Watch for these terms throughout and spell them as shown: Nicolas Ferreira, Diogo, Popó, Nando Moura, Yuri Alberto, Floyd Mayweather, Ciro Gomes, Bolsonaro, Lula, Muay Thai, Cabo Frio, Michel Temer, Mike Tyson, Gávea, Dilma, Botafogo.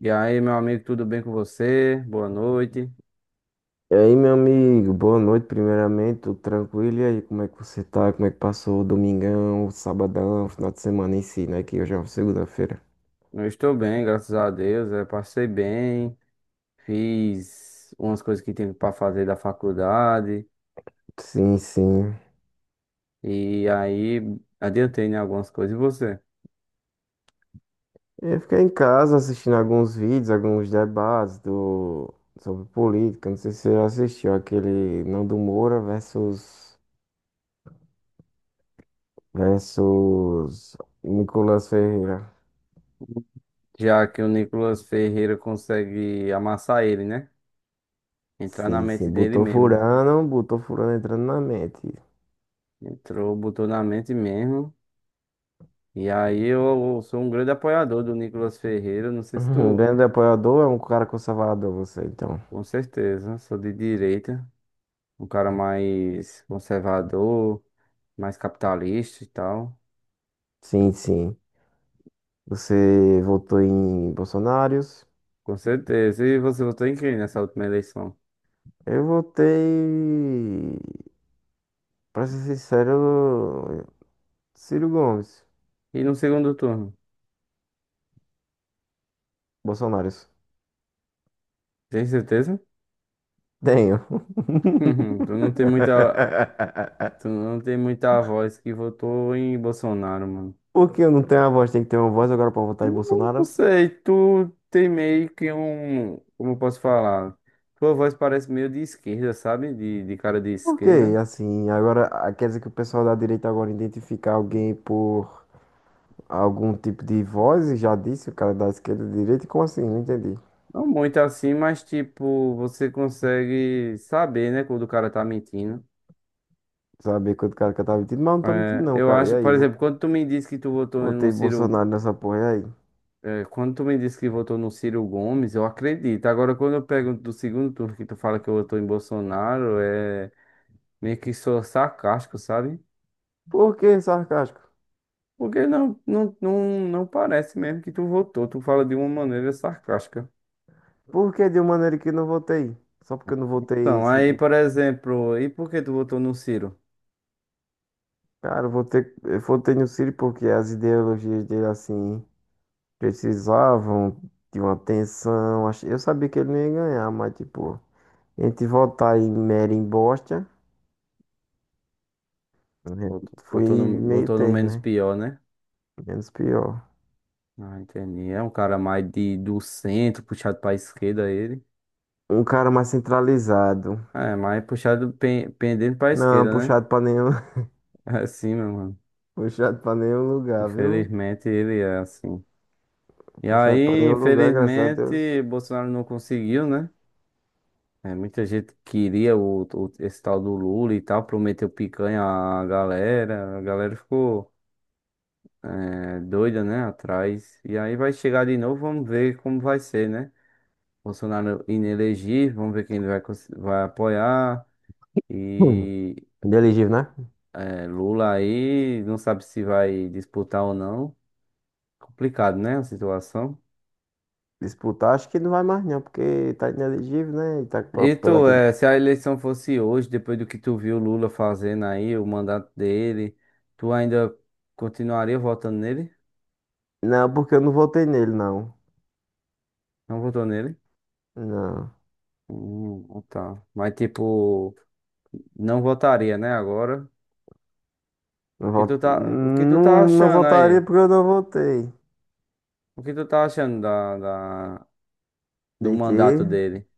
E aí, meu amigo, tudo bem com você? Boa noite. E aí, meu amigo, boa noite, primeiramente, tudo tranquilo? E aí, como é que você tá? Como é que passou o domingão, o sabadão, o final de semana em si, né? Que hoje é uma segunda-feira. Eu estou bem, graças a Deus. Eu passei bem, fiz umas coisas que tinha para fazer da faculdade Sim, sim. e aí adiantei em algumas coisas. E você? Eu fiquei em casa assistindo alguns vídeos, alguns debates sobre política. Não sei se você já assistiu aquele Nando Moura versus Nicolas Ferreira. Já que o Nicolas Ferreira consegue amassar ele, né? Entrar na Sim, mente sim, dele mesmo. Botou furando entrando na mente. Entrou, botou na mente mesmo. E aí eu sou um grande apoiador do Nicolas Ferreira. Não sei se Um tu, grande apoiador é um cara conservador, você, então. com certeza, sou de direita, um cara mais conservador mais capitalista e tal. Sim, sim. Você votou em Bolsonaros. Com certeza. E você votou em quem nessa última eleição? Eu votei, pra ser sincero, Ciro Gomes. E no segundo turno? Bolsonaros. Tem certeza? Tenho. Tu não tem muita, tu não tem muita voz que votou em Bolsonaro, mano. Por que eu não tenho a voz? Tem que ter uma voz agora pra votar em Não não, Bolsonaro? sei, tu tem meio que um, como eu posso falar? Tua voz parece meio de esquerda, sabe? De cara de Por quê? esquerda. Assim, agora quer dizer que o pessoal da direita agora identifica alguém por algum tipo de voz e já disse o cara da esquerda e direita? Como assim? Não entendi. Não muito assim, mas tipo, você consegue saber, né, quando o cara tá mentindo. Saber quanto cara que eu tava mentindo, mas eu não tô mentindo É, não, eu cara. E acho, por aí, exemplo, quando tu me disse que tu votou no votei Ciro. Bolsonaro nessa porra aí. É, quando tu me disse que votou no Ciro Gomes, eu acredito. Agora, quando eu pergunto do segundo turno que tu fala que votou em Bolsonaro, é meio que sou sarcástico, sabe? Por que sarcástico? Porque não parece mesmo que tu votou. Tu fala de uma maneira sarcástica. Por que de uma maneira que não votei? Só porque eu não votei. Então, aí, Ciro. por exemplo, e por que tu votou no Ciro? Cara, eu votei no Ciro porque as ideologias dele, assim, precisavam de uma atenção. Eu sabia que ele não ia ganhar, mas, tipo, entre votar em mera embosta, né, Votou, foi votou no, meio votou no termo, menos né? pior, né? Menos pior. Ah, entendi. É um cara mais de, do centro, puxado pra esquerda ele. Um cara mais centralizado. É, mais puxado, pendendo pra Não, esquerda, né? puxado pra nenhum, É assim, meu mano. puxado pra nenhum lugar, viu? Infelizmente ele é assim. E Puxado pra aí, nenhum lugar, graças a Deus. infelizmente, Bolsonaro não conseguiu, né? É, muita gente queria esse tal do Lula e tal, prometeu picanha à galera, a galera ficou é, doida, né? Atrás. E aí vai chegar de novo, vamos ver como vai ser, né? Bolsonaro inelegível, vamos ver quem ele vai, vai apoiar. E Inelegível, né? é, Lula aí não sabe se vai disputar ou não. Complicado, né? A situação. Disputar, acho que não vai mais não, porque tá inelegível, né? E tá E pelo tu, aquele... é, se a eleição fosse hoje, depois do que tu viu o Lula fazendo aí, o mandato dele, tu ainda continuaria votando nele? Não, porque eu não votei nele, não. Não votou nele? Não. Ah, tá. Mas tipo, não votaria, né, agora? Não, O que tu tá, o que tu tá não, não achando votaria aí? porque eu não votei. O que tu tá achando da- do De mandato quê? dele?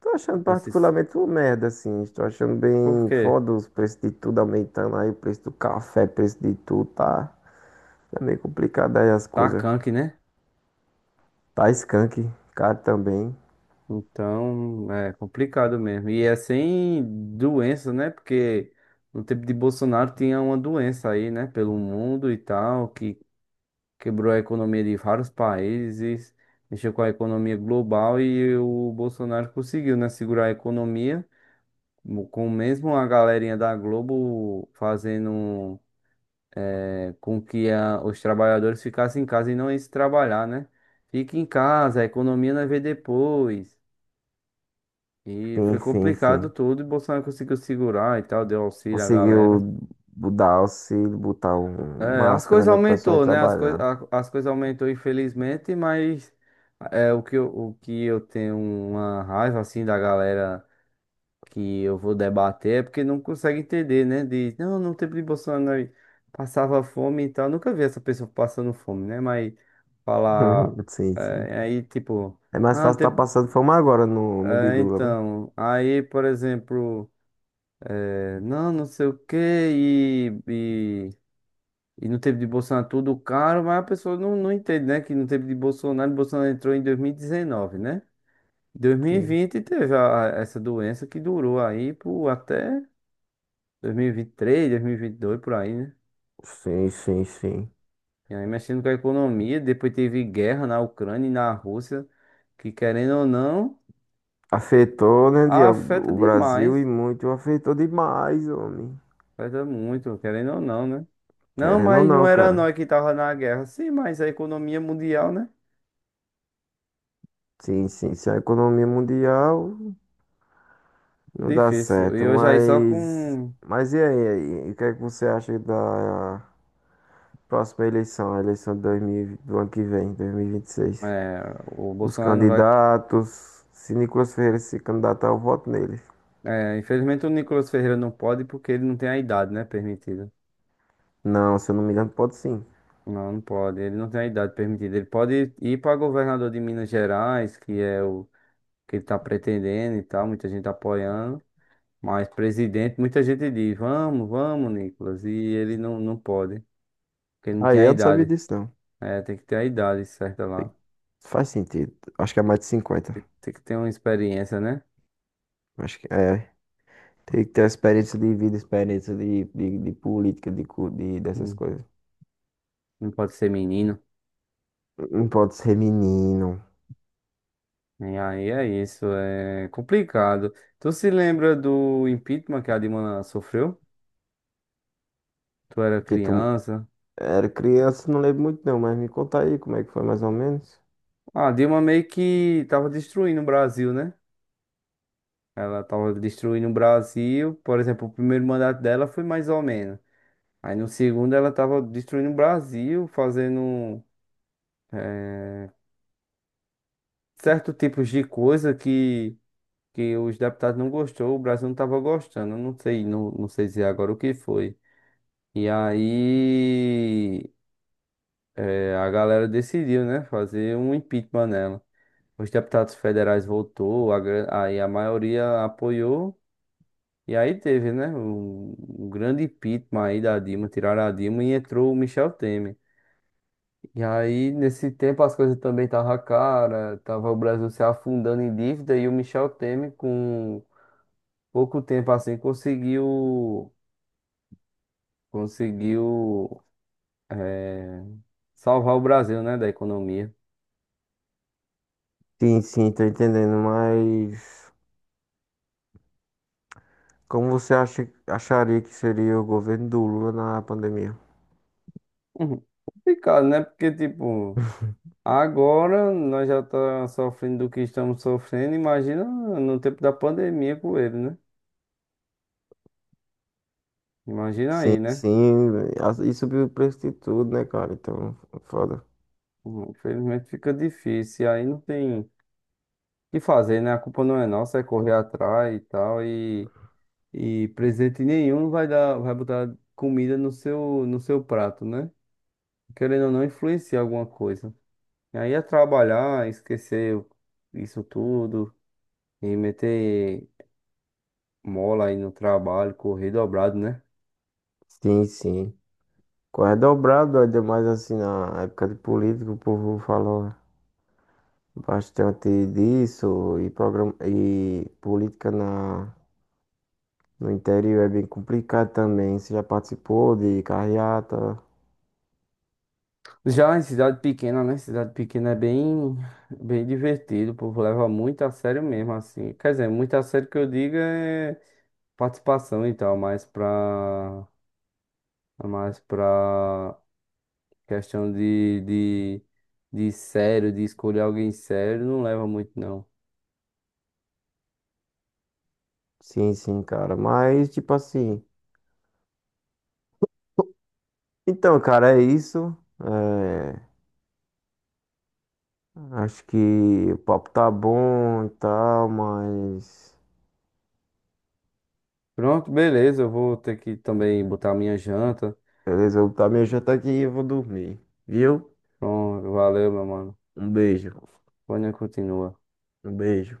Tô achando Desses... particularmente uma merda, assim. Estou achando Por bem quê? foda os preços de tudo aumentando aí. O preço do café, preço de tudo, tá... Tá meio complicado aí as Tá coisas. canque, né? Tá skunk, caro também. Então, é complicado mesmo. E é sem doença, né? Porque no tempo de Bolsonaro tinha uma doença aí, né? Pelo mundo e tal, que quebrou a economia de vários países, mexeu com a economia global e o Bolsonaro conseguiu, né? Segurar a economia, com mesmo a galerinha da Globo fazendo é, com que os trabalhadores ficassem em casa e não iam se trabalhar, né? Fique em casa, a economia nós vê depois. E foi Sim, sim, complicado sim. tudo, e Bolsonaro conseguiu segurar e tal, deu auxílio à galera. Conseguiu dar auxílio, botar um É, as máscara, coisas né, pro pessoal ir aumentou, né? As, trabalhar. As coisas aumentou, infelizmente, mas é, o que eu tenho uma raiva, assim, da galera que eu vou debater é porque não consegue entender, né? Diz, não, no tempo de Bolsonaro passava fome e tal. Nunca vi essa pessoa passando fome, né? Mas falar, Sim, sim. é, aí, tipo, É mais ah, fácil estar teve- passando fome agora no de é, Lula, né? então, aí, por exemplo... É, não, não sei o que e no tempo de Bolsonaro tudo caro, mas a pessoa não entende, né? Que no tempo de Bolsonaro, Bolsonaro entrou em 2019, né? Sim. 2020 teve essa doença que durou aí por até 2023, 2022, por aí, né? Sim, sim, sim. E aí mexendo com a economia, depois teve guerra na Ucrânia e na Rússia, que querendo ou não, Afetou, né, Diogo, afeta o Brasil e demais, muito afetou demais, homem. afeta muito, querendo ou não, né? Não, Querendo ou mas não não, era cara. nós que tava na guerra. Sim, mas a economia mundial, né? Sim, sim, se a economia mundial não dá Difícil. E certo, hoje aí só mas. com. Mas e aí? E o que é que você acha da próxima eleição, a eleição de 2000 do ano que vem, dois mil e vinte e seis É, o os Bolsonaro não vai. candidatos. Se Nicolas Ferreira se candidatar, eu voto nele. É, infelizmente o Nicolas Ferreira não pode porque ele não tem a idade, né? Permitida. Não, se eu não me engano, pode sim. Não pode. Ele não tem a idade permitida. Ele pode ir para governador de Minas Gerais, que é o que ele está pretendendo e tal. Muita gente apoiando. Mas presidente, muita gente diz: vamos, vamos, Nicolas. E ele não pode, porque ele não tem Aí, a eu não sabia idade. disso, não. É, tem que ter a idade certa lá. Tem- Faz sentido. Acho que é mais de 50. Tem que ter uma experiência, né? Acho que é. Tem que ter experiência de vida, experiência de política, de dessas Não coisas. não, pode ser menino. Não pode ser menino. E aí é isso, é complicado. Tu se lembra do impeachment que a Dilma sofreu? Tu era Que tu criança. era criança, não lembro muito não, mas me conta aí como é que foi mais ou menos. A Dilma meio que tava destruindo o Brasil, né? Ela tava destruindo o Brasil. Por exemplo, o primeiro mandato dela foi mais ou menos. Aí no segundo ela tava destruindo o Brasil, fazendo eh, certo tipos de coisa que os deputados não gostou, o Brasil não tava gostando. Eu não sei, não sei dizer agora o que foi. E aí. É, a galera decidiu, né, fazer um impeachment nela. Os deputados federais votou, a, aí a maioria apoiou, e aí teve, né, um grande impeachment aí da Dilma, tiraram a Dilma e entrou o Michel Temer. E aí, nesse tempo, as coisas também estavam cara, tava o Brasil se afundando em dívida, e o Michel Temer, com pouco tempo assim, conseguiu, é, salvar o Brasil, né, da economia. Sim, sim, tô entendendo, mas como você acha, acharia que seria o governo do Lula na pandemia? Uhum. Complicado, né, porque, tipo... Agora nós já estamos sofrendo do que estamos sofrendo. Imagina no tempo da pandemia com ele, né? Imagina Sim, aí, né? sim. E subiu o preço de tudo, né, cara? Então, foda. Infelizmente fica difícil. E aí não tem o que fazer, né? A culpa não é nossa, é correr atrás e tal. E presente nenhum vai dar, vai botar comida no seu, no seu prato, né? Querendo ou não, influencia alguma coisa. E aí é trabalhar, esquecer isso tudo e meter mola aí no trabalho, correr dobrado, né? Sim, sim. Corre dobrado, ainda mais assim na época de política, o povo falou bastante disso. E, programa, e política no interior é bem complicado também. Você já participou de carreata? Já em cidade pequena, né? Cidade pequena é bem, bem divertido, o povo leva muito a sério mesmo, assim. Quer dizer, muito a sério que eu digo é participação e tal, mas mais pra questão de sério, de escolher alguém sério, não leva muito, não. Sim, sim, cara. Mas, tipo assim. Então, cara, é isso. É, acho que o papo tá bom e tal, mas. Pronto, beleza, eu vou ter que também botar minha janta. Beleza, eu vou já meu aqui e eu vou dormir. Viu? Pronto, valeu, meu mano. Um beijo. Amanhã continua. Um beijo.